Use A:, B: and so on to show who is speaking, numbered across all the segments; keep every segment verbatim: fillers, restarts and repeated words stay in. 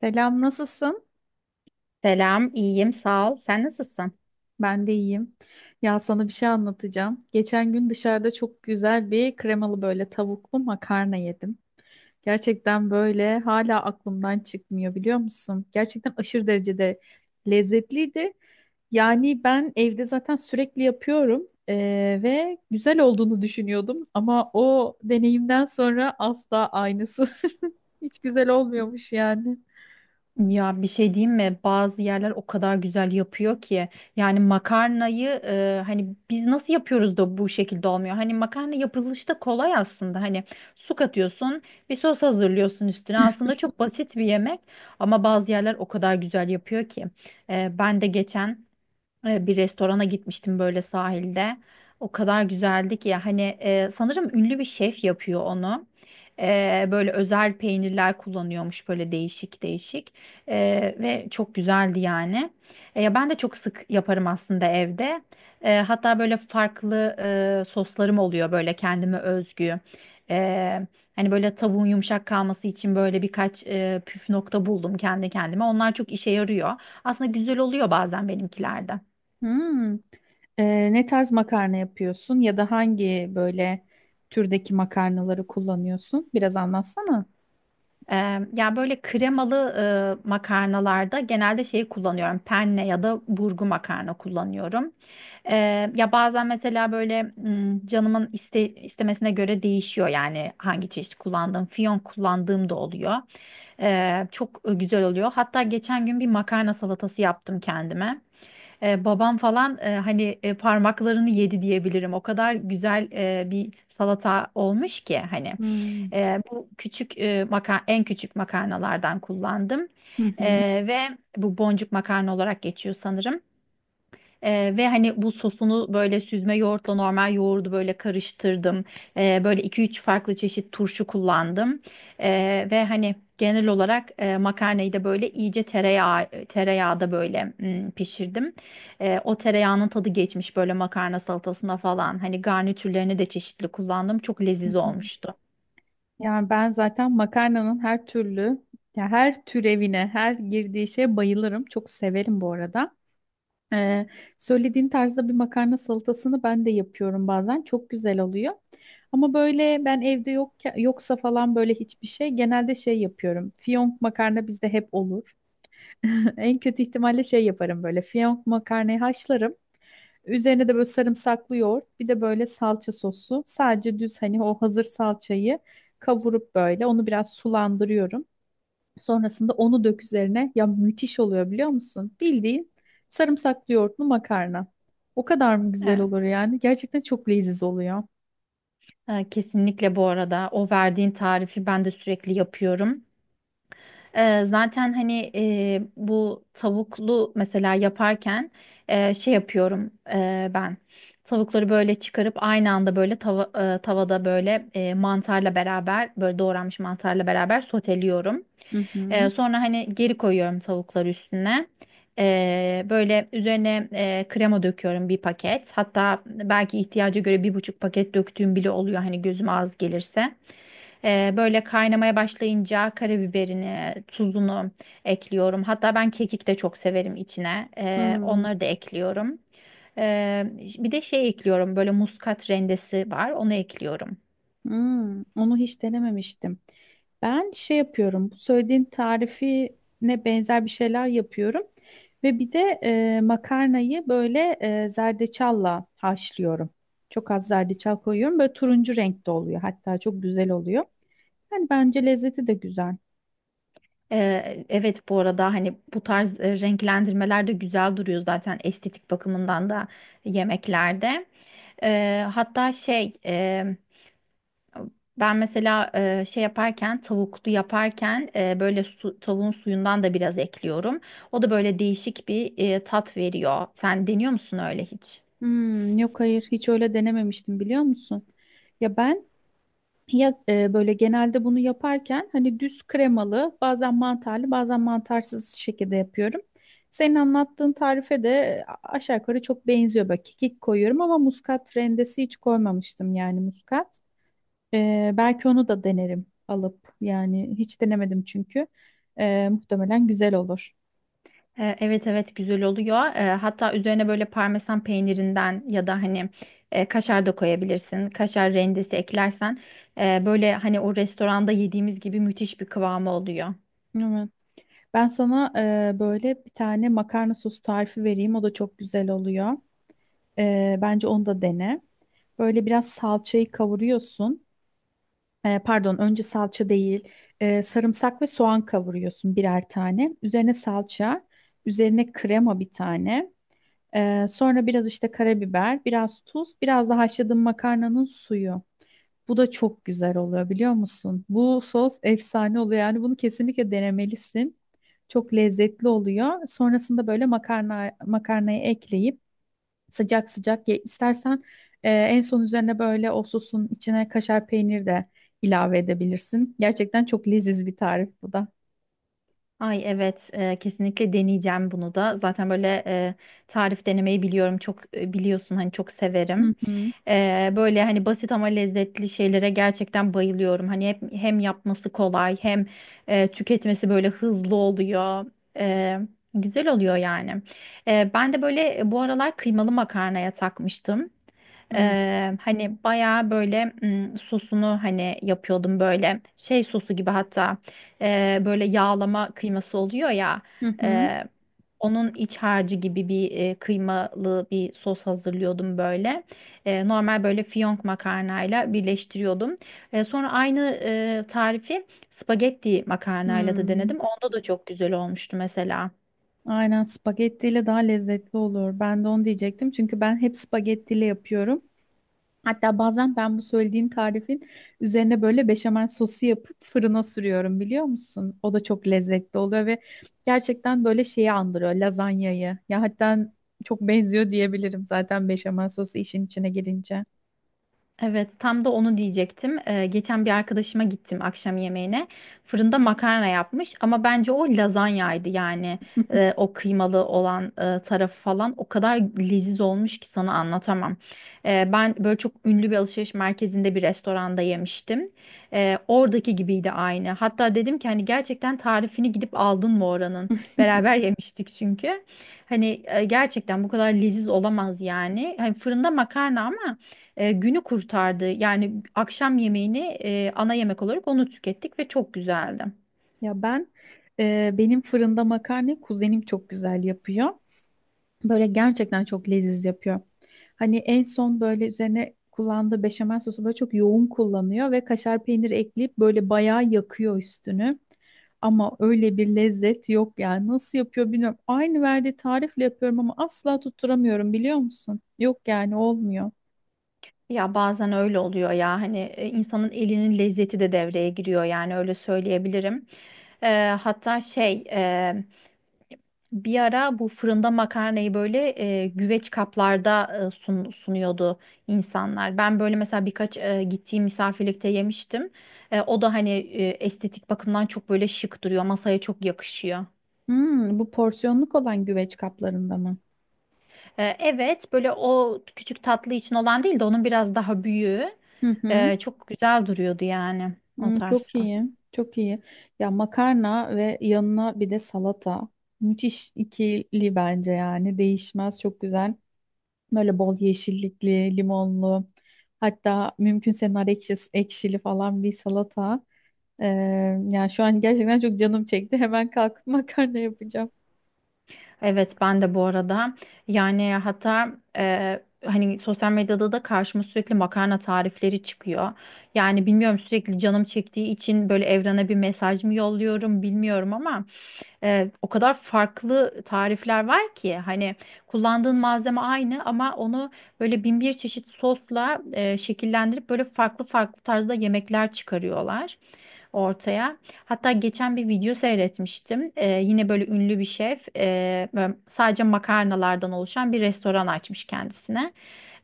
A: Selam, nasılsın?
B: Selam, iyiyim, sağ ol. Sen nasılsın?
A: Ben de iyiyim. Ya sana bir şey anlatacağım. Geçen gün dışarıda çok güzel bir kremalı böyle tavuklu makarna yedim. Gerçekten böyle hala aklımdan çıkmıyor biliyor musun? Gerçekten aşırı derecede lezzetliydi. Yani ben evde zaten sürekli yapıyorum eee, ve güzel olduğunu düşünüyordum ama o deneyimden sonra asla aynısı. Hiç güzel olmuyormuş yani.
B: Ya bir şey diyeyim mi? Bazı yerler o kadar güzel yapıyor ki. Yani makarnayı e, hani biz nasıl yapıyoruz da bu şekilde olmuyor? Hani makarna yapılışı da kolay aslında. Hani su katıyorsun, bir sos hazırlıyorsun üstüne. Aslında çok basit bir yemek ama bazı yerler o kadar güzel yapıyor ki. E, ben de geçen e, bir restorana gitmiştim böyle sahilde. O kadar güzeldi ki ya hani e, sanırım ünlü bir şef yapıyor onu. E, böyle özel peynirler kullanıyormuş böyle değişik değişik E, Ve çok güzeldi yani. E, ya ben de çok sık yaparım aslında evde. E, hatta böyle farklı e, soslarım oluyor böyle kendime özgü. E, Hani böyle tavuğun yumuşak kalması için böyle birkaç e, püf nokta buldum kendi kendime. Onlar çok işe yarıyor. Aslında güzel oluyor bazen benimkilerde.
A: Hmm. Ee, ne tarz makarna yapıyorsun ya da hangi böyle türdeki makarnaları kullanıyorsun? Biraz anlatsana.
B: Eee, ya böyle kremalı eee, makarnalarda genelde şeyi kullanıyorum. Penne ya da burgu makarna kullanıyorum. Eee, ya bazen mesela böyle mm, canımın iste, istemesine göre değişiyor yani hangi çeşit kullandığım. Fiyonk kullandığım da oluyor. Eee, çok güzel oluyor. Hatta geçen gün bir makarna salatası yaptım kendime. Eee, babam falan eee, hani e, parmaklarını yedi diyebilirim. O kadar güzel eee, bir salata olmuş ki hani.
A: Hmm.
B: Ee, bu küçük e, maka- en küçük makarnalardan kullandım.
A: Hı hı,
B: Ee, ve bu boncuk makarna olarak geçiyor sanırım. Ee, ve hani bu sosunu böyle süzme yoğurtla normal yoğurdu böyle karıştırdım. Ee, böyle iki üç farklı çeşit turşu kullandım. Ee, ve hani genel olarak e, makarnayı da böyle iyice tereyağı tereyağda böyle mm, pişirdim. Ee, o tereyağının tadı geçmiş böyle makarna salatasına falan. Hani garnitürlerini de çeşitli kullandım. Çok
A: hı
B: leziz
A: hı.
B: olmuştu.
A: Yani ben zaten makarnanın her türlü, ya her türevine, her girdiği şeye bayılırım. Çok severim bu arada. Ee, Söylediğin tarzda bir makarna salatasını ben de yapıyorum bazen. Çok güzel oluyor. Ama böyle ben evde yok yoksa falan böyle hiçbir şey genelde şey yapıyorum. Fiyonk makarna bizde hep olur. En kötü ihtimalle şey yaparım böyle. Fiyonk makarnayı haşlarım. Üzerine de böyle sarımsaklı yoğurt, bir de böyle salça sosu. Sadece düz hani o hazır salçayı kavurup böyle onu biraz sulandırıyorum. Sonrasında onu dök üzerine. Ya müthiş oluyor biliyor musun? Bildiğin sarımsaklı yoğurtlu makarna. O kadar mı güzel
B: Evet.
A: olur yani? Gerçekten çok leziz oluyor.
B: Ee, Kesinlikle bu arada o verdiğin tarifi ben de sürekli yapıyorum. Ee, zaten hani e, bu tavuklu mesela yaparken e, şey yapıyorum e, ben. Tavukları böyle çıkarıp aynı anda böyle tava- e, tavada böyle e, mantarla beraber böyle doğranmış mantarla beraber soteliyorum.
A: Hı hı.
B: E, sonra hani geri koyuyorum tavukları üstüne. E, böyle üzerine e, krema döküyorum bir paket. Hatta belki ihtiyaca göre bir buçuk paket döktüğüm bile oluyor hani gözüme az gelirse. Ee, böyle kaynamaya başlayınca karabiberini, tuzunu ekliyorum. Hatta ben kekik de çok severim içine. Ee,
A: Hmm.
B: onları da ekliyorum. Ee, bir de şey ekliyorum. Böyle muskat rendesi var. Onu ekliyorum.
A: Hmm, onu hiç denememiştim. Ben şey yapıyorum. Bu söylediğin tarifine benzer bir şeyler yapıyorum. Ve bir de e, makarnayı böyle e, zerdeçalla haşlıyorum. Çok az zerdeçal koyuyorum. Böyle turuncu renkte oluyor. Hatta çok güzel oluyor. Yani bence lezzeti de güzel.
B: Ee, evet bu arada hani bu tarz e, renklendirmeler de güzel duruyor zaten estetik bakımından da yemeklerde. Ee, hatta şey Ben mesela e, şey yaparken tavuklu yaparken e, böyle su, tavuğun suyundan da biraz ekliyorum. O da böyle değişik bir e, tat veriyor. Sen deniyor musun öyle hiç?
A: Hmm, yok hayır hiç öyle denememiştim biliyor musun? Ya ben Ya e, böyle genelde bunu yaparken hani düz kremalı, bazen mantarlı, bazen mantarsız şekilde yapıyorum. Senin anlattığın tarife de e, aşağı yukarı çok benziyor. Böyle kekik koyuyorum ama muskat rendesi hiç koymamıştım yani muskat. E, belki onu da denerim alıp yani hiç denemedim çünkü. E, muhtemelen güzel olur.
B: E, evet evet güzel oluyor. E, hatta üzerine böyle parmesan peynirinden ya da hani e, kaşar da koyabilirsin. Kaşar rendesi eklersen e, böyle hani o restoranda yediğimiz gibi müthiş bir kıvamı oluyor.
A: Evet. Ben sana e, böyle bir tane makarna sosu tarifi vereyim. O da çok güzel oluyor. Ee, bence onu da dene. Böyle biraz salçayı kavuruyorsun. Ee, pardon, önce salça değil, ee, sarımsak ve soğan kavuruyorsun birer tane. Üzerine salça, üzerine krema bir tane. Ee, sonra biraz işte karabiber, biraz tuz, biraz da haşladığın makarnanın suyu. Bu da çok güzel oluyor biliyor musun? Bu sos efsane oluyor. Yani bunu kesinlikle denemelisin. Çok lezzetli oluyor. Sonrasında böyle makarna makarnayı ekleyip sıcak sıcak ye istersen, e, en son üzerine böyle o sosun içine kaşar peynir de ilave edebilirsin. Gerçekten çok leziz bir tarif bu da.
B: Ay evet e, kesinlikle deneyeceğim bunu da. Zaten böyle e, tarif denemeyi biliyorum. Çok e, biliyorsun hani çok
A: Hı
B: severim.
A: hı.
B: E, böyle hani basit ama lezzetli şeylere gerçekten bayılıyorum. Hani hep, hem yapması kolay hem e, tüketmesi böyle hızlı oluyor. E, Güzel oluyor yani. E, ben de böyle e, bu aralar kıymalı makarnaya takmıştım.
A: Hı
B: Eee, hani bayağı böyle mm, sosunu hani yapıyordum böyle şey sosu gibi, hatta e, böyle yağlama kıyması oluyor ya.
A: hı. Hı,
B: e, Onun iç harcı gibi bir e, kıymalı bir sos hazırlıyordum böyle. E, normal böyle fiyonk makarnayla birleştiriyordum. E, sonra aynı e, tarifi spagetti makarnayla da
A: hı.
B: denedim. Onda da çok güzel olmuştu mesela.
A: Aynen spagettiyle daha lezzetli olur. Ben de onu diyecektim. Çünkü ben hep spagettiyle yapıyorum. Hatta bazen ben bu söylediğin tarifin üzerine böyle beşamel sosu yapıp fırına sürüyorum biliyor musun? O da çok lezzetli oluyor ve gerçekten böyle şeyi andırıyor lazanyayı. Ya hatta çok benziyor diyebilirim zaten beşamel sosu işin içine girince.
B: Evet, tam da onu diyecektim. Ee, geçen bir arkadaşıma gittim akşam yemeğine. Fırında makarna yapmış ama bence o lazanyaydı yani. Ee, o kıymalı olan e, tarafı falan o kadar leziz olmuş ki sana anlatamam. Ee, ben böyle çok ünlü bir alışveriş merkezinde bir restoranda yemiştim. Ee, oradaki gibiydi aynı. Hatta dedim ki hani gerçekten tarifini gidip aldın mı oranın? Beraber yemiştik çünkü. Hani e, gerçekten bu kadar leziz olamaz yani. Hani fırında makarna ama e, günü kurtardı. Yani akşam yemeğini e, ana yemek olarak onu tükettik ve çok güzeldi.
A: Ya ben e, benim fırında makarna kuzenim çok güzel yapıyor. Böyle gerçekten çok leziz yapıyor. Hani en son böyle üzerine kullandığı beşamel sosu böyle çok yoğun kullanıyor ve kaşar peyniri ekleyip böyle bayağı yakıyor üstünü. Ama öyle bir lezzet yok yani. Nasıl yapıyor bilmiyorum. Aynı verdiği tarifle yapıyorum ama asla tutturamıyorum biliyor musun? Yok yani olmuyor.
B: Ya bazen öyle oluyor ya hani e, insanın elinin lezzeti de devreye giriyor yani öyle söyleyebilirim. E, hatta şey e, Bir ara bu fırında makarnayı böyle e, güveç kaplarda e, sun- sunuyordu insanlar. Ben böyle mesela birkaç e, gittiğim misafirlikte yemiştim. E, o da hani e, estetik bakımdan çok böyle şık duruyor, masaya çok yakışıyor.
A: Hmm, bu porsiyonluk olan güveç kaplarında mı?
B: Ee, Evet, böyle o küçük tatlı için olan değil de onun biraz daha büyüğü
A: Hı hı.
B: e, çok güzel duruyordu yani o
A: Hmm, çok
B: tarzda.
A: iyi, çok iyi. Ya makarna ve yanına bir de salata. Müthiş ikili bence yani. Değişmez, çok güzel. Böyle bol yeşillikli, limonlu. Hatta mümkünse nar ekşisi, ekşili falan bir salata. Ee, Yani şu an gerçekten çok canım çekti. Hemen kalkıp makarna yapacağım.
B: Evet, ben de bu arada yani hatta e, hani sosyal medyada da karşıma sürekli makarna tarifleri çıkıyor. Yani bilmiyorum sürekli canım çektiği için böyle evrene bir mesaj mı yolluyorum bilmiyorum ama. E, o kadar farklı tarifler var ki hani kullandığın malzeme aynı ama onu böyle bin bir çeşit sosla e, şekillendirip böyle farklı farklı tarzda yemekler çıkarıyorlar ortaya. Hatta geçen bir video seyretmiştim. Ee, yine böyle ünlü bir şef e, böyle sadece makarnalardan oluşan bir restoran açmış kendisine.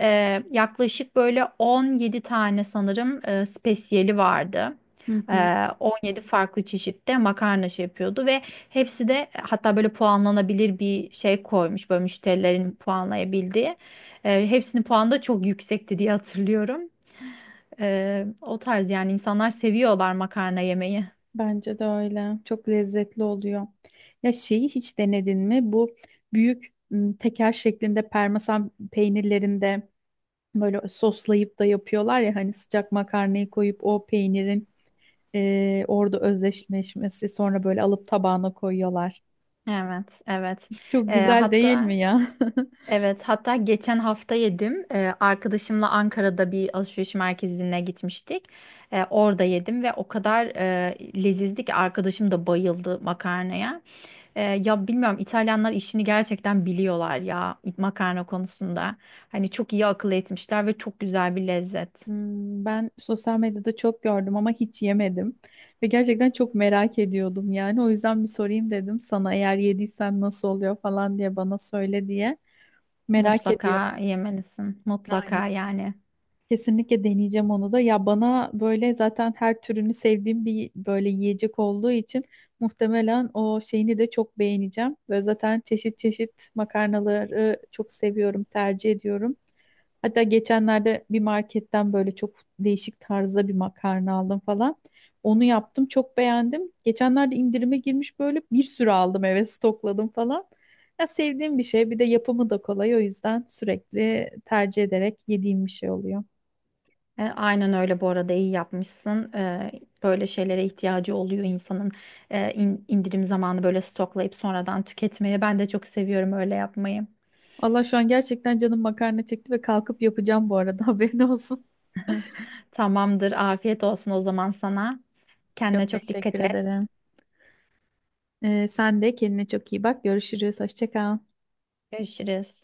B: Ee, yaklaşık böyle on yedi tane sanırım e, spesiyeli vardı.
A: Hı hı,
B: Ee, on yedi farklı çeşitte makarna şey yapıyordu ve hepsi de e, hatta böyle puanlanabilir bir şey koymuş böyle müşterilerin puanlayabildiği. Ee, hepsinin puanı da çok yüksekti diye hatırlıyorum. Ee, o tarz yani insanlar seviyorlar makarna yemeyi.
A: bence de öyle. Çok lezzetli oluyor. Ya şeyi hiç denedin mi? Bu büyük m, teker şeklinde parmesan peynirlerinde böyle soslayıp da yapıyorlar ya hani sıcak makarnayı koyup o peynirin e, orada özdeşleşmesi sonra böyle alıp tabağına koyuyorlar.
B: Evet, evet.
A: Çok
B: Ee,
A: güzel değil
B: hatta
A: mi ya?
B: evet hatta geçen hafta yedim. Ee, arkadaşımla Ankara'da bir alışveriş merkezine gitmiştik. Ee, orada yedim ve o kadar e, lezizdi ki arkadaşım da bayıldı makarnaya. Ee, ya bilmiyorum İtalyanlar işini gerçekten biliyorlar ya makarna konusunda. Hani çok iyi akıl etmişler ve çok güzel bir lezzet.
A: Hmm, ben sosyal medyada çok gördüm ama hiç yemedim ve gerçekten çok merak ediyordum yani o yüzden bir sorayım dedim sana eğer yediysen nasıl oluyor falan diye bana söyle diye merak
B: Mutlaka
A: ediyorum.
B: yemelisin. Mutlaka
A: Aynen.
B: yani.
A: Kesinlikle deneyeceğim onu da. Ya bana böyle zaten her türünü sevdiğim bir böyle yiyecek olduğu için muhtemelen o şeyini de çok beğeneceğim. Ve zaten çeşit çeşit makarnaları çok seviyorum, tercih ediyorum. Hatta geçenlerde bir marketten böyle çok değişik tarzda bir makarna aldım falan. Onu yaptım, çok beğendim. Geçenlerde indirime girmiş böyle bir sürü aldım eve stokladım falan. Ya sevdiğim bir şey, bir de yapımı da kolay o yüzden sürekli tercih ederek yediğim bir şey oluyor.
B: E, aynen öyle bu arada iyi yapmışsın. Ee, böyle şeylere ihtiyacı oluyor insanın e, in- indirim zamanı böyle stoklayıp sonradan tüketmeyi. Ben de çok seviyorum öyle yapmayı.
A: Allah şu an gerçekten canım makarna çekti ve kalkıp yapacağım bu arada haberin olsun.
B: Tamamdır. Afiyet olsun o zaman sana. Kendine
A: Çok
B: çok
A: teşekkür
B: dikkat et.
A: ederim. Ee, sen de kendine çok iyi bak. Görüşürüz. Hoşça kal.
B: Görüşürüz.